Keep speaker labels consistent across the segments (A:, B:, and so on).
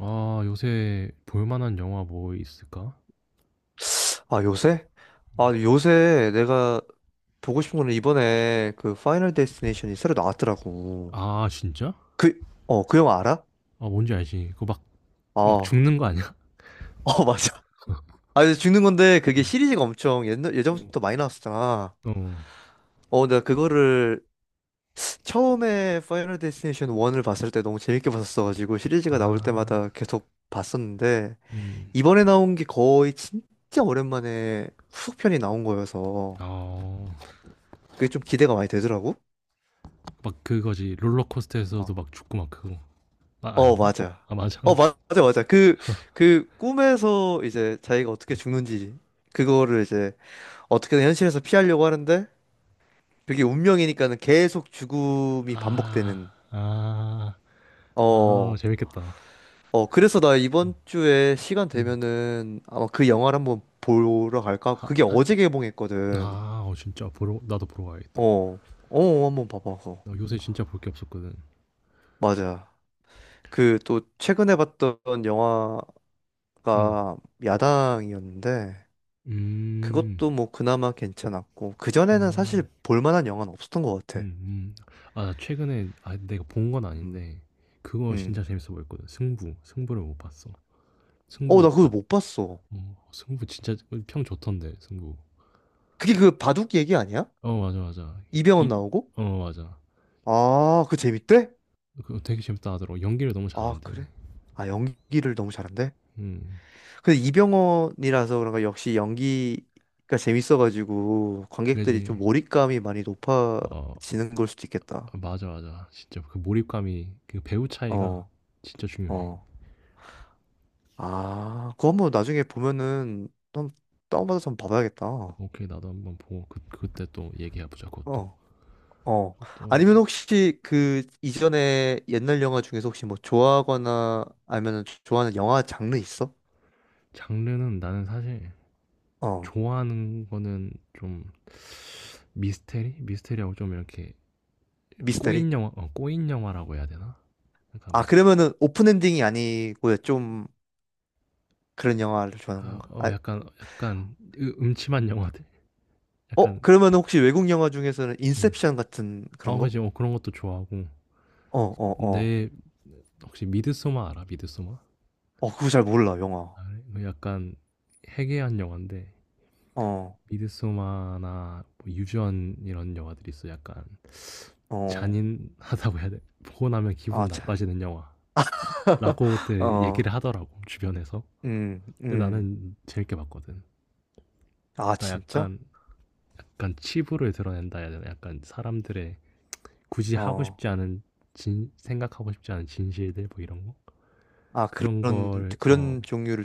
A: 아 요새 볼 만한 영화 뭐 있을까?
B: 아, 요새? 아, 요새 내가 보고 싶은 거는 이번에 그 파이널 데스티네이션이 새로 나왔더라고.
A: 아 진짜?
B: 그, 어, 그 영화 알아?
A: 아 뭔지 알지. 그거 막
B: 어, 어,
A: 죽는 거 아니야?
B: 맞아. 아, 이제 죽는 건데
A: 어.
B: 그게 시리즈가 엄청 옛날, 예전부터 많이 나왔었잖아.
A: 어.
B: 어, 내가 그거를 처음에 파이널 데스티네이션 1을 봤을 때 너무 재밌게 봤었어가지고 시리즈가 나올
A: 아.
B: 때마다 계속 봤었는데
A: 음.
B: 이번에 나온 게 거의 진짜 오랜만에 후속편이 나온 거여서
A: 어.
B: 그게 좀 기대가 많이 되더라고.
A: 막 그거지. 롤러코스터에서도
B: 어.
A: 막 죽고 막 그거. 아
B: 어,
A: 아닌가?
B: 맞아.
A: 아 맞아.
B: 어,
A: 어.
B: 맞아, 맞아. 그 꿈에서 이제 자기가 어떻게 죽는지, 그거를 이제 어떻게든 현실에서 피하려고 하는데, 그게 운명이니까는 계속 죽음이
A: 아.
B: 반복되는.
A: 아. 아
B: 어,
A: 재밌겠다.
B: 어, 그래서 나
A: 음.
B: 이번 주에 시간
A: 음.
B: 되면은 아마 그 영화를 한번 보러 갈까 하고,
A: 아.
B: 그게
A: 아.
B: 어제 개봉했거든.
A: 아 어, 진짜 보러 나도 보러 가야겠다.
B: 어, 어, 한번 봐봐. 그거.
A: 나 요새 진짜 볼 게 없었거든.
B: 맞아. 그 또 최근에 봤던
A: 음.
B: 영화가 야당이었는데,
A: 음.
B: 그것도 뭐 그나마 괜찮았고 그전에는
A: 음.
B: 사실 볼 만한 영화는 없었던 것 같아.
A: 음음. 아 나 최근에 아 내가 본 건
B: 음.
A: 아닌데 그거
B: 음.
A: 진짜 재밌어 보였거든. 승부. 승부를 못 봤어.
B: 어,
A: 승부
B: 나 그거
A: 알아?
B: 못 봤어.
A: 어 승부 진짜 그 평 좋던데 승부.
B: 그게 그 바둑 얘기 아니야?
A: 어 맞아, 맞아. 이
B: 이병헌
A: 이
B: 나오고?
A: 어 맞아.
B: 아, 그 재밌대?
A: 그거 되게 재밌다 하더라고. 연기를 너무
B: 아,
A: 잘한대.
B: 그래? 아, 연기를 너무 잘한대?
A: 음.
B: 근데 이병헌이라서 그런가 역시 연기가 재밌어가지고 관객들이 좀
A: 그래야지
B: 몰입감이 많이
A: 어
B: 높아지는 걸 수도 있겠다.
A: 맞아, 맞아. 진짜 그 몰입감이 그 배우 차이가
B: 어,
A: 진짜 중요해.
B: 어. 아, 그거 한번 나중에 보면은 한번 다운받아서 한번 봐봐야겠다.
A: 오케이. 나도 한번 보고 그 그때 또 얘기해 보자 그것도.
B: 어. 어.
A: 또
B: 아니면 혹시 그 이전에 옛날 영화 중에서 혹시 뭐 좋아하거나 아니면 좋아하는 영화 장르 있어?
A: 장르는 나는 사실
B: 어.
A: 좋아하는 거는 좀 미스테리? 미스테리하고 좀 이렇게
B: 미스터리?
A: 꼬인 영화, 어, 꼬인 영화라고 해야 되나? 약간
B: 아,
A: 막,
B: 그러면은 오픈 엔딩이 아니고 좀 그런 영화를 좋아하는
A: 아,
B: 건가?
A: 어,
B: 아,
A: 약간, 약간 음침한 영화들?
B: 어,
A: 약간,
B: 그러면 혹시 외국 영화 중에서는
A: 음.
B: 인셉션 같은
A: 어,
B: 그런 거?
A: 그지, 어, 그런 것도 좋아하고.
B: 어, 어, 어.
A: 내, 혹시 미드소마 알아? 미드소마?
B: 어, 그거 잘 몰라, 영화.
A: 아, 그래? 그 약간 해괴한 영화인데,
B: 어,
A: 미드소마나 뭐 유전 이런 영화들이 있어. 약간
B: 어.
A: 잔인하다고 해야 돼. 보고 나면 기분
B: 아, 참.
A: 나빠지는 영화라고들
B: 어,
A: 얘기를 하더라고, 주변에서.
B: 음,
A: 근데
B: 음.
A: 나는 재밌게 봤거든.
B: 아,
A: 그러니까
B: 진짜?
A: 약간 약간 치부를 드러낸다 해야 되나? 약간 사람들의 굳이 하고
B: 어.
A: 싶지 않은 진 생각하고 싶지 않은 진실들 뭐 이런 거
B: 아,
A: 그런
B: 그런,
A: 걸 어
B: 그런 종류를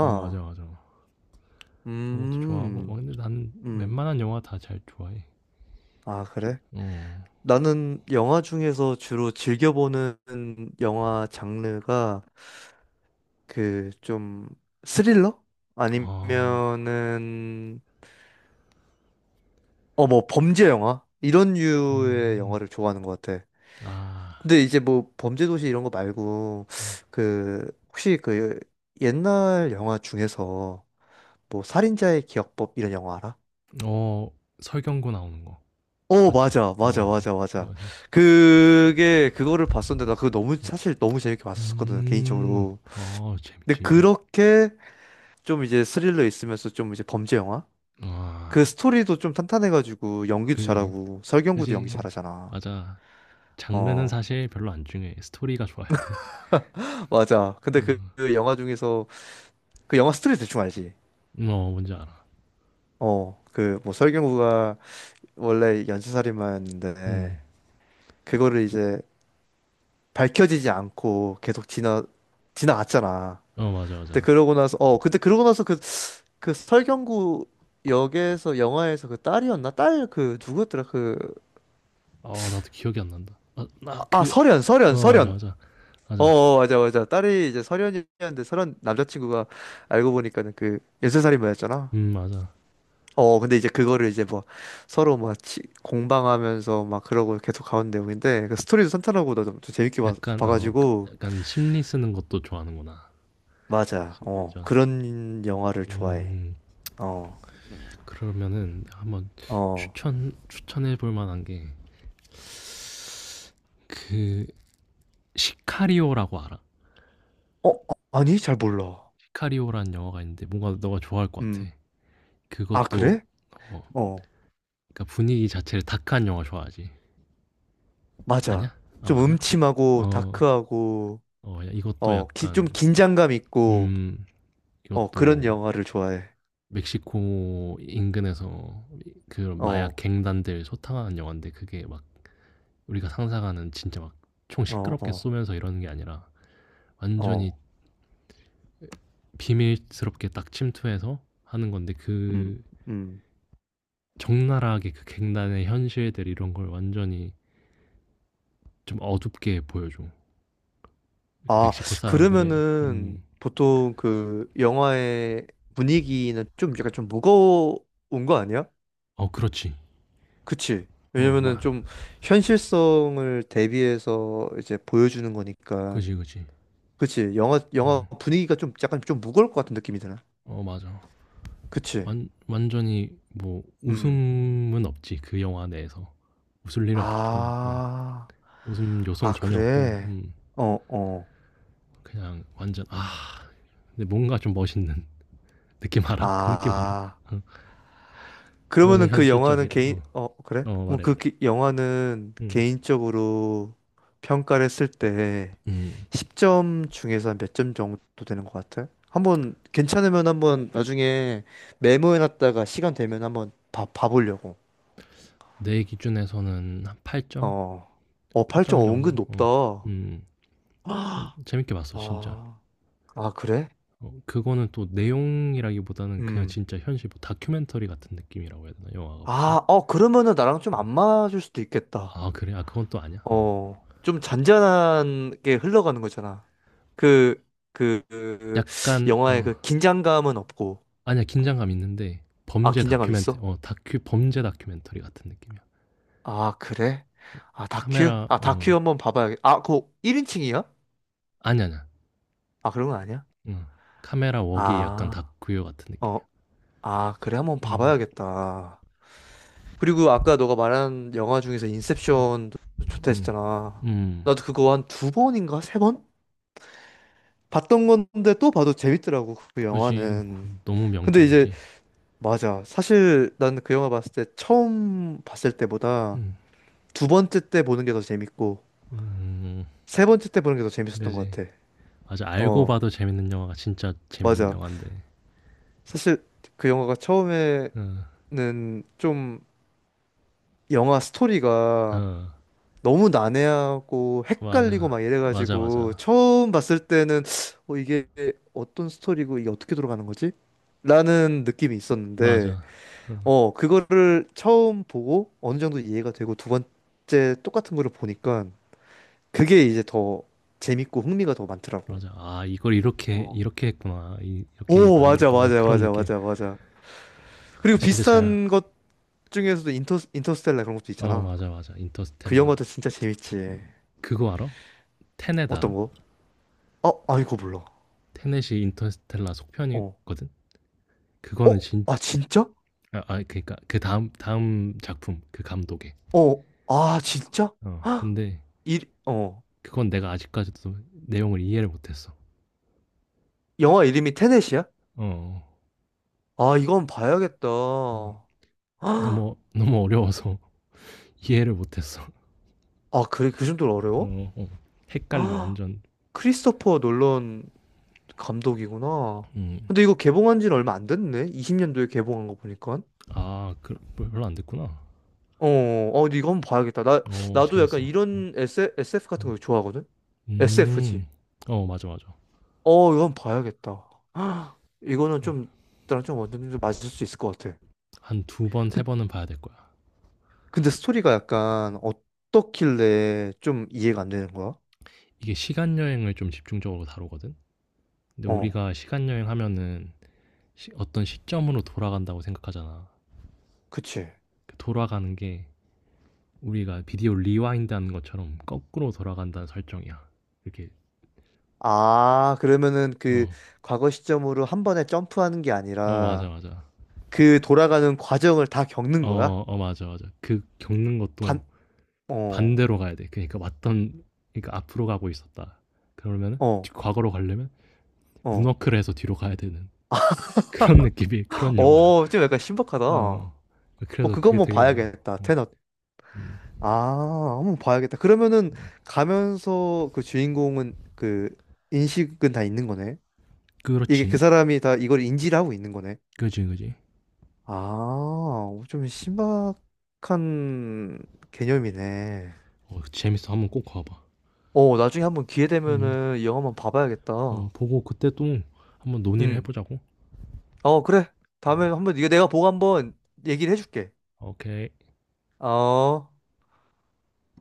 A: 어 맞아 맞아 그런 것도 좋아하고 막
B: 음,
A: 근데 난
B: 음.
A: 웬만한 영화 다 잘 좋아해
B: 아, 그래? 나는 영화 중에서 주로 즐겨보는 영화 장르가 그 좀 스릴러? 아니면은 어, 뭐 범죄 영화? 이런
A: 어 아
B: 류의
A: 아
B: 영화를
A: 어
B: 좋아하는 것 같아. 근데 이제 뭐 범죄도시 이런 거 말고 그 혹시 그 옛날 영화 중에서 뭐 살인자의 기억법 이런 영화 알아?
A: 설경구 나오는 거
B: 어,
A: 맞지
B: 맞아,
A: 어
B: 맞아,
A: 맞지
B: 맞아,
A: 어
B: 맞아.
A: 맞지
B: 그게, 그거를 봤었는데, 나 그거 너무, 사실 너무 재밌게 봤었거든, 개인적으로.
A: 음어
B: 근데
A: 재밌지
B: 그렇게 좀 이제 스릴러 있으면서 좀 이제 범죄 영화?
A: 아
B: 그 스토리도 좀 탄탄해가지고, 연기도
A: 그지
B: 잘하고, 설경구도 연기
A: 그지
B: 잘하잖아.
A: 맞아 장르는
B: 어,
A: 사실 별로 안 중요해 스토리가 좋아야 돼
B: 맞아. 근데 그,
A: 음.
B: 그 영화 중에서, 그 영화 스토리 대충 알지?
A: 어 뭔지 알아.
B: 어, 그, 뭐, 설경구가 원래 연쇄살인마였는데,
A: 음.
B: 그거를 이제 밝혀지지 않고 계속 지나갔잖아.
A: 어 맞아,
B: 그때
A: 맞아.
B: 그러고 나서 어 그때 그러고 나서 그 설경구 역에서 영화에서 그 딸이었나 딸 그 누구였더라 그아
A: 어 나도 기억이 안 난다. 아 나 그
B: 설현 설현
A: 어 맞아,
B: 설현
A: 맞아.
B: 어
A: 맞아.
B: 어, 맞아 맞아 딸이 이제 설현이었는데 설현 남자친구가 알고 보니까는 그 연쇄살인마였잖아
A: 맞아.
B: 어 근데 이제 그거를 이제 뭐 서로 막 공방하면서 막 그러고 계속 가는 내용인데 그 스토리도 탄탄하고 나도 좀 재밌게 봐,
A: 약간 어 그
B: 봐가지고
A: 약간 심리 쓰는 것도 좋아하는구나.
B: 맞아 어
A: 심리전.
B: 그런 영화를 좋아해
A: 음.
B: 어
A: 그러면은 한번
B: 어.
A: 추천 추천해 볼 만한 게 그 시카리오라고 알아?
B: 어, 아니, 잘 몰라.
A: 시카리오라는 영화가 있는데 뭔가 너가 좋아할 것 같아.
B: 음. 아,
A: 그것도
B: 그래?
A: 어
B: 어,
A: 그러니까 분위기 자체를 다크한 영화 좋아하지?
B: 맞아.
A: 아니야? 아
B: 좀
A: 맞아?
B: 음침하고
A: 어.
B: 다크하고
A: 어 이것도
B: 어, 좀
A: 약간
B: 긴장감 있고
A: 음.
B: 어, 그런
A: 이것도
B: 영화를 좋아해.
A: 멕시코 인근에서 그런 마약
B: 어,
A: 갱단들 소탕하는 영화인데 그게 막 우리가 상상하는 진짜 막 총
B: 어,
A: 시끄럽게
B: 어,
A: 쏘면서 이러는 게 아니라 완전히
B: 어.
A: 비밀스럽게 딱 침투해서 하는 건데
B: 음.
A: 그
B: 음.
A: 적나라하게 그 갱단의 현실들 이런 걸 완전히 좀 어둡게 보여줘. 그
B: 아,
A: 멕시코 사람들의
B: 그러면은 보통 그 영화의 분위기는 좀 약간 좀 무거운 거 아니야?
A: 어 그렇지.
B: 그치?
A: 어
B: 왜냐면은
A: 마.
B: 좀 현실성을 대비해서 이제 보여주는 거니까.
A: 그지 그지.
B: 그치? 영화
A: 어.
B: 분위기가 좀 약간 좀 무거울 것 같은 느낌이 드나?
A: 어 맞아.
B: 그치?
A: 완전히 뭐
B: 음.
A: 웃음은 없지 그 영화 내에서 웃을 일 없고 어,
B: 아,
A: 웃음
B: 아,
A: 요소는 전혀 없고
B: 그래? 어, 어.
A: 그냥 완전 아 근데 뭔가 좀 멋있는 느낌 알아? 그 느낌 알아?
B: 아,
A: 어, 너무
B: 그러면은 그 영화는
A: 현실적이라
B: 개인,
A: 어,
B: 어, 그래?
A: 어,
B: 뭐
A: 말해
B: 그
A: 말해
B: 영화는
A: 음,
B: 개인적으로 평가를 했을 때
A: 음,
B: 10점 중에서 몇 점 정도 되는 것 같아? 한번 괜찮으면 한번 나중에 메모해놨다가 시간 되면 한번 봐보려고.
A: 내 기준에서는 한 8점?
B: 어, 어, 8점
A: 8점
B: 어, 은근
A: 정도?
B: 높다.
A: 어, 음, 어,
B: 아,
A: 재밌게 봤어 진짜
B: 아, 그래?
A: 어, 그거는 또 내용이라기보다는 그냥
B: 음.
A: 진짜 현실 뭐 다큐멘터리 같은 느낌이라고 해야 되나 영화가 무슨
B: 아, 어, 그러면은 나랑 좀
A: 음,
B: 안 맞을 수도 있겠다.
A: 아 그래? 아 그건 또 아니야? 어.
B: 어, 좀 잔잔하게 흘러가는 거잖아. 그, 그
A: 약간
B: 영화의
A: 어
B: 그 긴장감은 없고.
A: 아니야 긴장감 있는데
B: 아,
A: 범죄
B: 긴장감
A: 다큐멘터
B: 있어?
A: 어 다큐 범죄 다큐멘터리 같은 느낌이야.
B: 아, 그래? 아, 다큐?
A: 카메라
B: 아,
A: 어
B: 다큐 한번 봐봐야겠. 아, 그거 1인칭이야?
A: 아니 아니야.
B: 아, 그런 거 아니야?
A: 어 카메라 웍이 약간
B: 아,
A: 다큐 같은
B: 어,
A: 느낌이야.
B: 아, 그래? 한번
A: 음.
B: 봐봐야겠다. 그리고 아까 너가 말한 영화 중에서 인셉션도 좋다 했잖아.
A: 음.
B: 나도 그거 한 두 번인가 세 번? 봤던 건데 또 봐도 재밌더라고, 그
A: 그지
B: 영화는.
A: 그 너무
B: 근데 이제
A: 명작이지.
B: 맞아. 사실 난 그 영화 봤을 때 처음 봤을 때보다
A: 음.
B: 두 번째 때 보는 게 더 재밌고
A: 음.
B: 세 번째 때 보는 게 더 재밌었던 것
A: 그지
B: 같아.
A: 맞아 알고
B: 어,
A: 봐도 재밌는 영화가 진짜 재밌는
B: 맞아.
A: 영화인데.
B: 사실 그 영화가 처음에는
A: 어.
B: 좀 영화 스토리가
A: 어.
B: 너무 난해하고 헷갈리고
A: 맞아.
B: 막 이래가지고
A: 맞아.
B: 처음 봤을 때는 어, 이게 어떤 스토리고 이게 어떻게 돌아가는 거지? 라는 느낌이 있었는데
A: 맞아. 어.
B: 어, 그거를 처음 보고 어느 정도 이해가 되고 두 번째 똑같은 거를 보니까 그게 이제 더 재밌고 흥미가 더 많더라고.
A: 맞아. 아, 이걸 이렇게 이렇게 했구나. 이렇게
B: 오, 맞아,
A: 만들었구나.
B: 맞아,
A: 그런
B: 맞아,
A: 느낌.
B: 맞아, 맞아.
A: 아,
B: 그리고
A: 진짜 잘
B: 비슷한 것 중에서도 인터스텔라 그런 것도
A: 어
B: 있잖아.
A: 맞아, 맞아.
B: 그 영화도
A: 인터스텔라.
B: 진짜 재밌지.
A: 그거 알아? 테넷
B: 어떤
A: 알아?
B: 거? 어, 아,
A: 테
B: 이거 몰라.
A: 테넷이 인터스텔라
B: 어.
A: 속편이거든.
B: 어?
A: 그거는
B: 아,
A: 진짜
B: 진짜?
A: 아 아 그러니까 그다음 다음 다음 작품 그 감독의.
B: 어. 아, 진짜?
A: 어
B: 헉!
A: 근데
B: 일, 어.
A: 그건 내가 아직까지도 내용을 이해를 못 했어.
B: 영화 이름이 테넷이야?
A: 어
B: 아, 이건 봐야겠다.
A: 음.
B: 헉! 아,
A: 너무 너무 어려워서 이해를 못 했어.
B: 그래, 그 정도로 어려워?
A: 어 어. 헷갈려
B: 헉!
A: 완전.
B: 크리스토퍼 놀런 감독이구나.
A: 음.
B: 근데 이거 개봉한 지는 얼마 안 됐네? 20년도에 개봉한 거 보니까.
A: 아그 뭐 별로 안 됐구나.
B: 어, 어, 근데 이거 한번 봐야겠다. 나,
A: 어
B: 나도 약간
A: 재밌어. 어.
B: 이런 SF, SF 같은
A: 음.
B: 거 좋아하거든? SF지.
A: 음. 어 맞아, 맞아.
B: 어, 이건 봐야겠다. 헉, 이거는 좀, 나랑 좀 완전히 좀 맞을 수 있을 것 같아.
A: 한 두 번 세
B: 근-
A: 번은 봐야 될 거야.
B: 근데 스토리가 약간 어떻길래 좀 이해가 안 되는 거야?
A: 이게 시간 여행을 좀 집중적으로 다루거든. 근데
B: 어,
A: 우리가 시간 여행하면은 어떤 시점으로 돌아간다고 생각하잖아.
B: 그치.
A: 그 돌아가는 게 우리가 비디오 리와인드 하는 것처럼 거꾸로 돌아간다는 설정이야. 이렇게
B: 아, 그러면은 그
A: 어,
B: 과거 시점으로 한 번에 점프하는 게
A: 어 맞아
B: 아니라
A: 맞아.
B: 그 돌아가는 과정을 다 겪는 거야?
A: 어, 어 맞아 맞아. 그 겪는 것도
B: 반, 어,
A: 반대로 가야 돼. 그러니까 왔던 그러니까 앞으로 가고 있었다. 그러면은
B: 어,
A: 과거로 가려면
B: 어.
A: 문워크를 해서 뒤로 가야 되는 그런 느낌이 그런 영화야.
B: 어, 좀 약간 신박하다.
A: 어. 어.
B: 어,
A: 그래서
B: 그거
A: 그게
B: 한번
A: 되게 어려워.
B: 봐야겠다.
A: 어,
B: 테너.
A: 음.
B: 아, 한번 봐야겠다. 그러면은 가면서 그 주인공은 그 인식은 다 있는 거네? 이게 그
A: 그렇지.
B: 사람이 다 이걸 인지를 하고 있는 거네?
A: 그지 그지.
B: 아, 어, 좀 신박한 개념이네.
A: 어, 재밌어. 한번 꼭 가봐.
B: 어, 나중에 한번 기회
A: 음.
B: 되면은 이 영화 한번
A: 어,
B: 봐봐야겠다.
A: 보고 그때 또 한번 논의를
B: 응.
A: 해보자고.
B: 어, 그래. 다음에 한번 이거 내가 보고 한번 얘기를 해줄게.
A: 오케이.
B: 어.